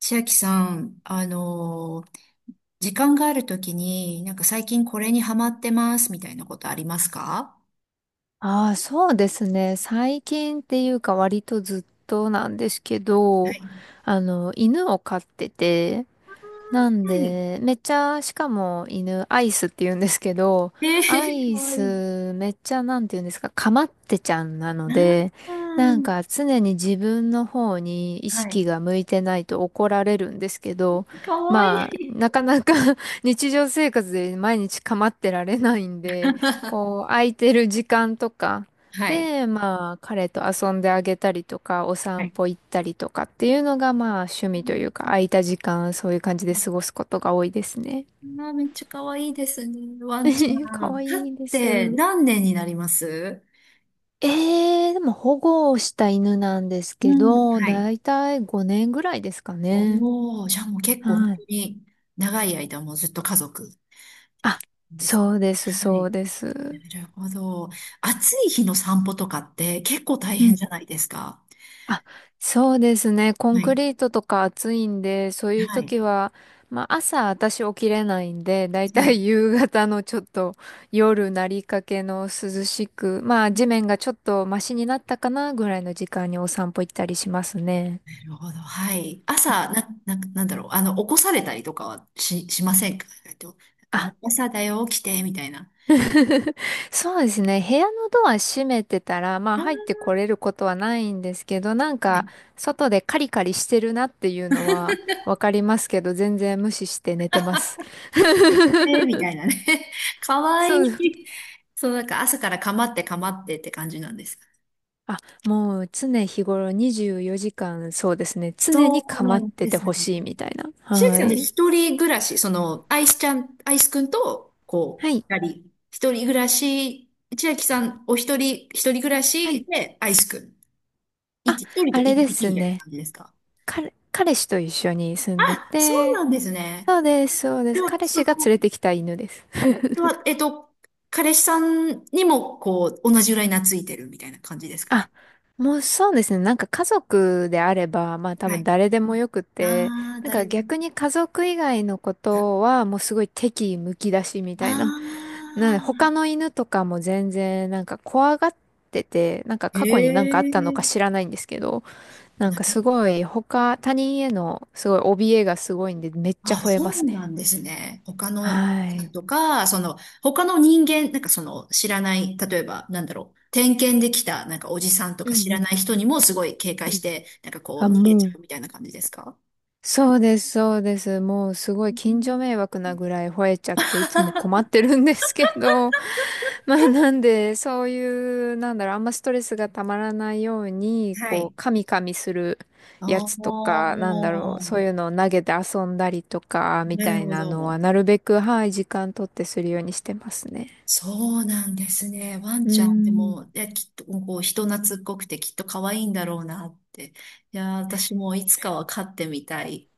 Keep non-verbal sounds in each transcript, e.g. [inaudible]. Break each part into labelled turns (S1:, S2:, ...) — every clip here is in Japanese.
S1: 千秋さん、時間があるときに、なんか最近これにハマってますみたいなことありますか？
S2: ああ、そうですね。最近っていうか割とずっとなんですけ
S1: は
S2: ど、
S1: い。
S2: 犬を飼ってて、なん
S1: はい。
S2: で、めっちゃ、しかも犬、アイスって言うんですけど、
S1: え
S2: ア
S1: ー、
S2: イ
S1: かわいい。
S2: スめっちゃ、なんて言うんですか、かまってちゃんなの
S1: な
S2: で、なんか常に自分の方に意
S1: はい。
S2: 識が向いてないと怒られるんですけど、
S1: かわい
S2: まあ、
S1: い。
S2: なかなか [laughs] 日常生活で毎日かまってられないんで、こう、
S1: [laughs]
S2: 空いてる時間とか、
S1: はい。
S2: で、まあ、彼と遊んであげたりとか、お
S1: は
S2: 散
S1: い。
S2: 歩行ったりとかっていうのが、まあ、趣味というか、空いた時間、そういう感じで過ごすことが多いですね。
S1: あー、めっちゃかわいいですね。ワンち
S2: [laughs]
S1: ゃ
S2: か
S1: ん、
S2: わ
S1: 飼っ
S2: いいで
S1: て
S2: す。
S1: 何年になります
S2: でも保護をした犬なんです
S1: う
S2: け
S1: ん。
S2: ど、
S1: はい。
S2: だいたい5年ぐらいですかね。
S1: おー、じゃあもう結構本
S2: は
S1: 当
S2: い。
S1: に長い間もうずっと家族
S2: あ、
S1: です。
S2: そうです、
S1: は
S2: そ
S1: い。
S2: うで
S1: な
S2: す。
S1: るほど。暑い日の散歩とかって結構大
S2: う
S1: 変
S2: ん。
S1: じゃないですか。
S2: あ、そうですね。コ
S1: は
S2: ンク
S1: い。
S2: リートとか暑いんで、そういう
S1: はい。
S2: 時は、まあ朝私起きれないんで、だい
S1: は
S2: た
S1: い。
S2: い [laughs] 夕方のちょっと夜なりかけの涼しく、まあ地面がちょっとマシになったかなぐらいの時間にお散歩行ったりしますね。
S1: なるほど。はい。朝、なんだろう。起こされたりとかはしませんか？なんかも
S2: あ
S1: う朝だよ、起きて、みたいな。
S2: [laughs] そうですね。部屋のドア閉めてたら、ま
S1: あ
S2: あ入っ
S1: ー、
S2: てこれることはないんですけど、なん
S1: は
S2: か
S1: い。
S2: 外でカリカリしてるなっていうのはわかりますけど、全然無視して寝てます。
S1: 開けて、みたい
S2: [laughs]
S1: なね。[laughs] かわい
S2: そう。
S1: い。そう、なんか朝からかまってかまってって感じなんです。
S2: あ、もう常日頃24時間、そうですね。常
S1: そ
S2: に
S1: う
S2: 構
S1: な
S2: っ
S1: ん
S2: て
S1: で
S2: て
S1: すね。
S2: ほしいみたいな。
S1: 千秋
S2: は
S1: さんって
S2: い。
S1: 一人暮らし、その、アイスちゃん、アイスくんと、こ
S2: はい。
S1: う、二人、一人暮らし、千秋さんお一人、一人暮ら
S2: はい。
S1: しで、アイスくん。
S2: あ、
S1: 一人と
S2: あれ
S1: 一
S2: で
S1: 匹
S2: す
S1: みたいな
S2: ね。
S1: 感じですか？
S2: 彼氏と一緒に住
S1: あ、
S2: んで
S1: そうな
S2: て、
S1: んですね。
S2: そうです、そうで
S1: で
S2: す。
S1: は、
S2: 彼氏が連れてきた犬です。
S1: では、えっと、彼氏さんにも、こう、同じぐらい懐いてるみたいな感じですか
S2: あ、
S1: ね。
S2: もうそうですね。なんか家族であれば、まあ多
S1: は
S2: 分
S1: い。
S2: 誰でもよくて、
S1: ああ、
S2: なんか
S1: 誰。
S2: 逆に家族以外のことはもうすごい敵意むき出しみ
S1: あ
S2: たいな。なんで
S1: あ、
S2: 他の犬とかも全然なんか怖がってて、なんか
S1: へ
S2: 過去になんかあったのか
S1: え、
S2: 知らないんですけど、なんかす
S1: な
S2: ごい他人へのすごい怯えがすごいんでめっちゃ
S1: あ、
S2: 吠えま
S1: そう
S2: すね。
S1: なんですね。他
S2: は
S1: の、
S2: い。
S1: とか、その、他の人間、なんかその、知らない、例えば、なんだろう、点検できた、なんかおじさんと
S2: う
S1: か
S2: ん
S1: 知
S2: う
S1: ら
S2: ん
S1: ない人にもすごい警戒
S2: う
S1: し
S2: ん。
S1: て、なんかこ
S2: あ、
S1: う、逃げち
S2: も
S1: ゃ
S2: う。
S1: うみたいな感じですか？
S2: そうです、そうです。もうすご
S1: う
S2: い
S1: ん。
S2: 近所迷惑なぐらい吠えちゃっていつも困っ
S1: [laughs]
S2: てるんですけど、[laughs] まあなんでそういう、なんだろう、あんまストレスがたまらないように、
S1: は
S2: こう、
S1: い。
S2: カミカミするや
S1: お
S2: つとか、なんだろう、
S1: ー、
S2: そういうのを投げて遊んだりとか、み
S1: なる
S2: たい
S1: ほ
S2: なのは
S1: ど。
S2: なるべく、はい、時間取ってするようにしてますね。
S1: そうなんですね。ワン
S2: う
S1: ちゃんで
S2: ん。
S1: も、いや、きっと、こう、人懐っこくてきっと可愛いんだろうなって。いや、私もいつかは飼ってみたい。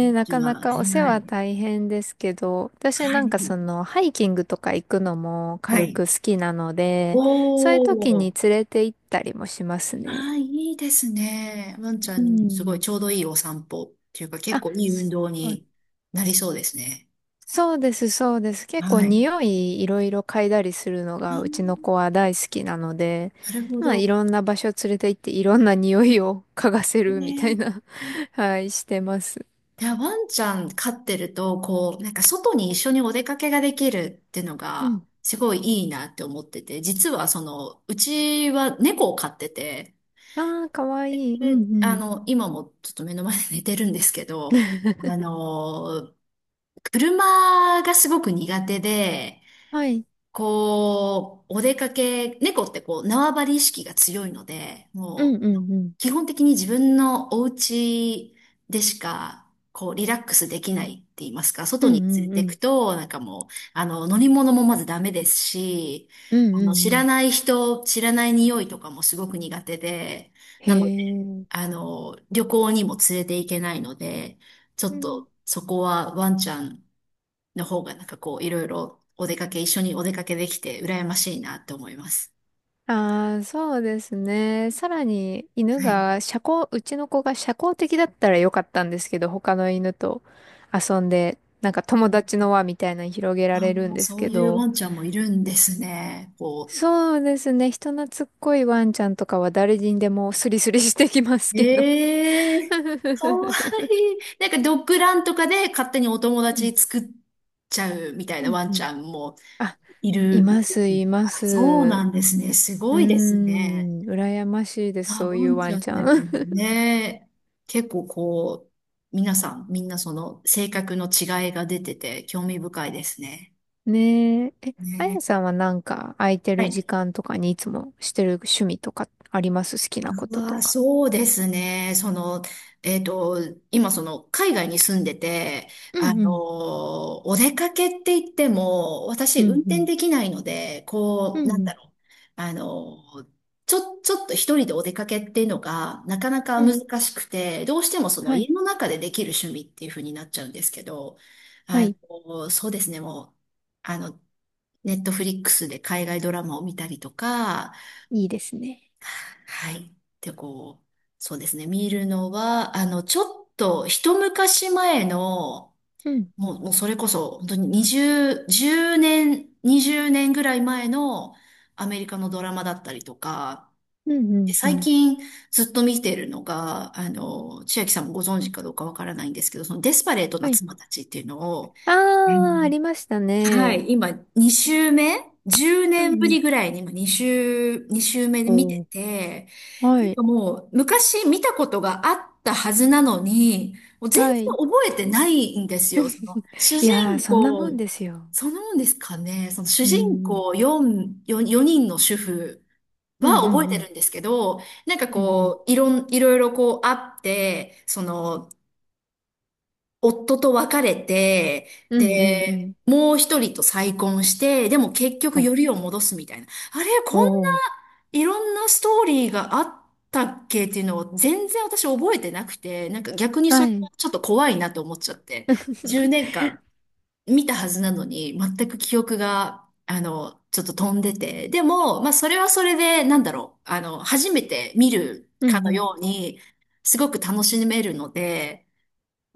S1: う
S2: え、な
S1: ち
S2: か
S1: は
S2: な
S1: は
S2: かお世話
S1: い。
S2: 大変ですけど、私
S1: は
S2: なん
S1: い。
S2: かそのハイキングとか行くのも
S1: は
S2: 軽
S1: い。
S2: く好きなの
S1: お
S2: で、そういう時に
S1: ー。
S2: 連れて行ったりもします
S1: あ
S2: ね。
S1: あ、いいですね。ワンちゃ
S2: う
S1: んにすごい
S2: ん。
S1: ちょうどいいお散歩っていうか結
S2: あ、
S1: 構いい運
S2: そ
S1: 動
S2: う
S1: になりそうですね。
S2: そうです、そうです。結構
S1: はい。
S2: 匂いいろいろ嗅いだりするの
S1: う
S2: がうちの子
S1: ん、
S2: は大好きなので、
S1: なるほ
S2: まあい
S1: ど。
S2: ろんな場所連れて行っていろんな匂いを嗅がせるみたい
S1: ね。
S2: な
S1: ね。
S2: [laughs] はい、してます。
S1: で、ワンちゃん飼ってると、こう、なんか外に一緒にお出かけができるっていうの
S2: う
S1: が、
S2: ん。
S1: すごいいいなって思ってて、実はその、うちは猫を飼ってて、
S2: ああ、かわいい。うん
S1: で
S2: うん。
S1: 今もちょっと目の前で寝てるんですけど、あ
S2: [laughs]
S1: の車がすごく苦手で、
S2: はい。
S1: こう、お出かけ、猫ってこう、縄張り意識が強いので、
S2: うん
S1: も
S2: うん
S1: う、
S2: うん。
S1: 基本的に自分のお家でしか、こう、リラックスできないって言いますか、
S2: う
S1: 外
S2: ん
S1: に連れ
S2: うんう
S1: てく
S2: ん。
S1: と、なんかもう、乗り物もまずダメですし、
S2: うんうん
S1: 知
S2: う
S1: ら
S2: ん。
S1: ない人、知らない匂いとかもすごく苦手で、
S2: へ
S1: なので、
S2: え。
S1: 旅行にも連れて行けないので、ちょ
S2: う
S1: っ
S2: ん。
S1: とそこはワンちゃんの方がなんかこういろいろお出かけ、一緒にお出かけできて羨ましいなって思います。
S2: ああ、そうですね。さらに犬
S1: はい。
S2: が社交、うちの子が社交的だったらよかったんですけど、他の犬と遊んで、なんか友達の輪みたいなの広げ
S1: あ
S2: られるん
S1: ー、
S2: です
S1: そう
S2: け
S1: いう
S2: ど、
S1: ワンちゃんもいるんですね。こ
S2: そうですね。人懐っこいワンちゃんとかは誰にでもスリスリしてきます
S1: う。
S2: けど。
S1: ええー、かわ
S2: [laughs]
S1: いい。なんかドッグランとかで勝手にお友
S2: うん
S1: 達作っちゃうみたい
S2: う
S1: な
S2: ん
S1: ワン
S2: う
S1: ちゃ
S2: ん。
S1: んも
S2: [laughs] あ、
S1: い
S2: い
S1: る。い
S2: ま
S1: る
S2: す、いま
S1: から
S2: す。
S1: そうなんですね。す
S2: う
S1: ごいです
S2: ー
S1: ね。
S2: ん、羨ましいです、
S1: あ、
S2: そう
S1: ワ
S2: いう
S1: ン
S2: ワ
S1: ちゃ
S2: ンち
S1: ん
S2: ゃ
S1: でも
S2: ん。
S1: ね、結構こう、皆さん、みんなその性格の違いが出てて興味深いですね。
S2: [laughs] ねえ。え、あ
S1: ね。
S2: やさんはなんか空いて
S1: は
S2: る時
S1: い。
S2: 間とかにいつもしてる趣味とかあります？好きなことと
S1: ああ、
S2: か。
S1: そうですね。えっと、今その海外に住んでて、
S2: うんうん。
S1: お出かけって言っても、私
S2: う
S1: 運
S2: んう
S1: 転
S2: ん。
S1: できないので、こ
S2: うん
S1: う、なん
S2: う
S1: だ
S2: ん。
S1: ろう。あのちょっと一人でお出かけっていうのが、なかなか
S2: うん。
S1: 難しくて、どうしてもその
S2: は
S1: 家
S2: い。
S1: の中でできる趣味っていう風になっちゃうんですけど、
S2: はい。
S1: そうですね、もう、あの、ネットフリックスで海外ドラマを見たりとか、
S2: いいですね。
S1: はい。で、こう、そうですね。見るのは、ちょっと一昔前の、
S2: うんうん。
S1: もうそれこそ、本当に20、1年、20年ぐらい前のアメリカのドラマだったりとか、
S2: うんう
S1: で
S2: んう
S1: 最
S2: ん。
S1: 近ずっと見てるのが、千秋さんもご存知かどうかわからないんですけど、そのデスパレート
S2: は
S1: な
S2: い。
S1: 妻たちっていうのを、
S2: あー、ありました
S1: は
S2: ね。
S1: い、今2週目？ 10
S2: う
S1: 年
S2: ん
S1: ぶ
S2: う
S1: り
S2: ん。
S1: ぐらいに今2週目で見て
S2: おー
S1: て、
S2: は
S1: なん
S2: い。
S1: かもう昔見たことがあったはずなのに、もう全然
S2: はい。
S1: 覚えてないんですよ。その主
S2: い
S1: 人
S2: やー、そんなもん
S1: 公、
S2: ですよ。
S1: そのもんですかね、その主
S2: う
S1: 人
S2: ん。
S1: 公4人の主婦
S2: う
S1: は
S2: んう
S1: 覚え
S2: んう
S1: て
S2: ん。
S1: るんですけど、なんか
S2: うんうん。
S1: こう、いろいろこうあって、その、夫と別れて、
S2: うんうんう
S1: で、
S2: ん。
S1: もう一人と再婚して、でも結局
S2: お、
S1: よりを戻すみたいな。あれ、こんな
S2: おー。
S1: いろんなストーリーがあったっけっていうのを全然私覚えてなくて、なんか逆に
S2: は
S1: それ
S2: い。
S1: がちょっと怖いなと思っちゃって、10年間見たはずなのに全く記憶が、ちょっと飛んでて。でも、まあそれはそれで、なんだろう、初めて見る
S2: う
S1: か
S2: ん
S1: の
S2: うん。
S1: ように、すごく楽しめるので、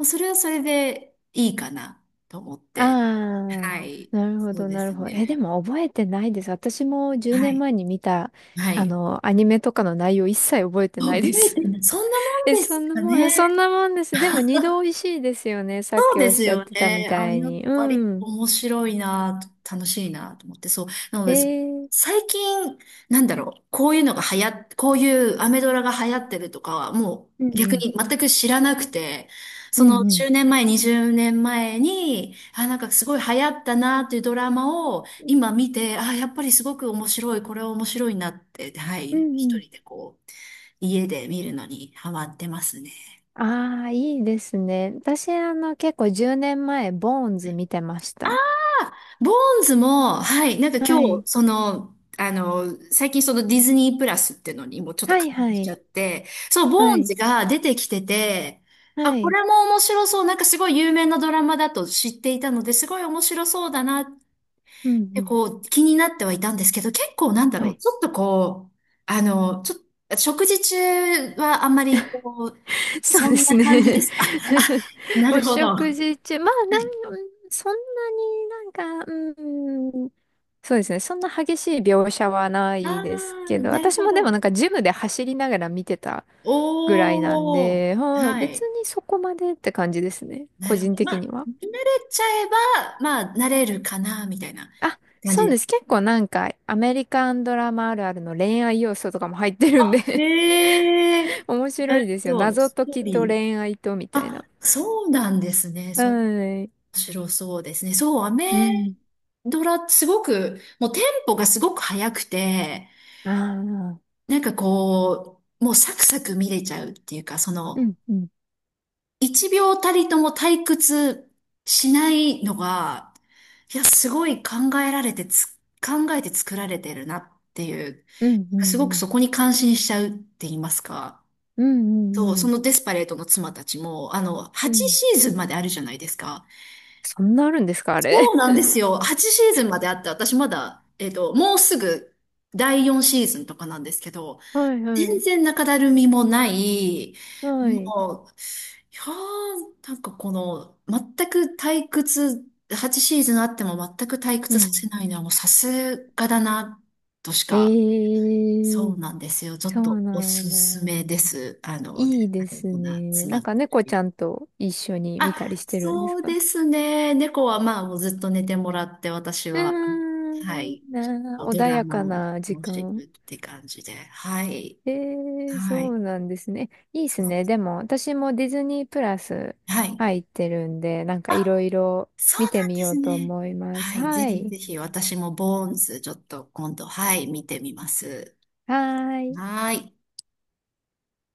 S1: それはそれでいいかなと思っ
S2: [laughs]
S1: て。
S2: ああ、
S1: はい。
S2: なるほ
S1: そう
S2: ど、
S1: で
S2: なる
S1: す
S2: ほど。え、で
S1: ね。
S2: も覚えてないです。私も10
S1: は
S2: 年
S1: い。
S2: 前に見た、
S1: はい。
S2: アニメとかの内容一切覚えてない
S1: 覚
S2: で
S1: え
S2: す。
S1: てない。そん
S2: [laughs]
S1: な
S2: え、
S1: もんですか
S2: そ
S1: ね。
S2: んなもんです。でも二度美味しいですよね。さっ
S1: そう
S2: き
S1: で
S2: おっ
S1: す
S2: しゃっ
S1: よ
S2: てたみ
S1: ね。あ、
S2: たい
S1: やっ
S2: に。う
S1: ぱり
S2: ん。
S1: 面白いなと、楽しいなと思って、そう。なの
S2: え
S1: で、
S2: ー、
S1: 最近、なんだろう、こういうのが流行っ、こういうアメドラが流行ってるとかは、も
S2: うん
S1: う逆
S2: うん。
S1: に全く知らなくて、
S2: う
S1: その
S2: んうん。
S1: 10年前、20年前に、あ、なんかすごい流行ったなっていうドラマを今見て、あ、やっぱりすごく面白い、これは面白いなって、は
S2: う
S1: い、
S2: んう
S1: 一
S2: ん。
S1: 人でこう、家で見るのにハマってますね。
S2: ああ、いいですね。私、結構10年前、ボーンズ見てました。
S1: ボーンズも、はい、なんか今
S2: は
S1: 日、
S2: い。
S1: 最近そのディズニープラスっていうのにもちょっと
S2: は
S1: 感
S2: いは
S1: 動しちゃ
S2: い。
S1: って、そう、ボ
S2: は
S1: ーン
S2: い。
S1: ズが出てきてて、あ、
S2: は
S1: こ
S2: い。
S1: れも面白そう、なんかすごい有名なドラマだと知っていたので、すごい面白そうだなっ
S2: うんう
S1: て
S2: ん。
S1: こう気になってはいたんですけど、結構なんだ
S2: は
S1: ろう、
S2: い
S1: ちょっとこう、ちょっと、食事中はあんまりこ
S2: [laughs]
S1: う、
S2: そう
S1: そ
S2: で
S1: ん
S2: す
S1: な感じで
S2: ね。
S1: すか。[laughs]
S2: [laughs]
S1: なる
S2: お
S1: ほど。
S2: 食
S1: あ
S2: 事中、まあ、そんなになんか、うん、そうですね。そんな激しい描写はな
S1: あ、
S2: いですけど、
S1: なる
S2: 私
S1: ほ
S2: もでもなん
S1: ど。
S2: かジムで走りながら見てたぐらいなん
S1: おー。
S2: で、はい、
S1: は
S2: 別
S1: い。
S2: にそこまでって感じですね。
S1: な
S2: 個
S1: る
S2: 人
S1: ほど。ま
S2: 的に
S1: あ、
S2: は。
S1: 慣れちゃえば、まあ、慣れるかな、みたいな
S2: あ、
S1: 感
S2: そ
S1: じ
S2: う
S1: で。
S2: です。結構なんかアメリカンドラマあるあるの恋愛要素とかも入ってるん
S1: あ、
S2: で
S1: へえ、
S2: [laughs] 面
S1: な
S2: 白い
S1: る
S2: ですよ。
S1: ほど。
S2: 謎
S1: ス
S2: 解
S1: トー
S2: きと
S1: リー。
S2: 恋愛とみたい
S1: あ、
S2: な。
S1: そうなんですね。それ、面
S2: はい。
S1: 白そうですね。そう、アメ
S2: うん。
S1: ドラ、すごく、もうテンポがすごく速くて、
S2: ああ。
S1: なんかこう、もうサクサク見れちゃうっていうか、そ
S2: う
S1: の、
S2: ん、うん、
S1: 一秒たりとも退屈しないのが、いや、すごい考えて作られてるなっていう、
S2: うん、う
S1: すごく
S2: ん、
S1: そこに感心しちゃうって言いますか。
S2: うん、う
S1: そう、
S2: ん、う
S1: そ
S2: ん、
S1: のデスパレートの妻たちも、
S2: う
S1: 8
S2: ん。
S1: シーズンまであるじゃないですか。
S2: そんなあるんですか、あれ？
S1: そうなんですよ。8シーズンまであって、私まだ、もうすぐ第4シーズンとかなんですけど、
S2: [laughs] はい、は
S1: 全
S2: い、
S1: 然中だるみもない、
S2: はい。
S1: もう、いやー、なんかこの、全く退屈、8シーズンあっても全く退
S2: う
S1: 屈させ
S2: ん。
S1: ないのはもうさすがだな、としか、
S2: へ
S1: そ
S2: え、
S1: うなんですよ。ちょ
S2: そ
S1: っ
S2: う
S1: とお
S2: なん
S1: すすめ
S2: だ。
S1: です。で
S2: いい
S1: あ
S2: で
S1: れ、
S2: す
S1: こんな、
S2: ね。
S1: 詰ま
S2: なん
S1: って。
S2: か猫ちゃんと一緒に見たり
S1: あ、
S2: してるんです
S1: そう
S2: か？
S1: ですね。猫はまあもうずっと寝てもらって、私
S2: う
S1: は、
S2: ーん、
S1: は
S2: いい
S1: い、
S2: なあ。
S1: ド
S2: 穏
S1: ラ
S2: や
S1: マ
S2: か
S1: を、
S2: な時
S1: 楽して
S2: 間。
S1: るって感じで、はい、
S2: ええ、
S1: は
S2: そ
S1: い。
S2: うなんですね。いいで
S1: そ
S2: す
S1: う、
S2: ね。でも、私もディズニープラス
S1: はい。
S2: 入ってるんで、なんかいろ
S1: あ、
S2: いろ
S1: そ
S2: 見
S1: う
S2: て
S1: なん
S2: み
S1: で
S2: よ
S1: す
S2: うと
S1: ね。
S2: 思います。
S1: はい。ぜ
S2: は
S1: ひ
S2: い。
S1: ぜひ私もボーンズちょっと今度、はい、見てみます。
S2: はーい
S1: はーい。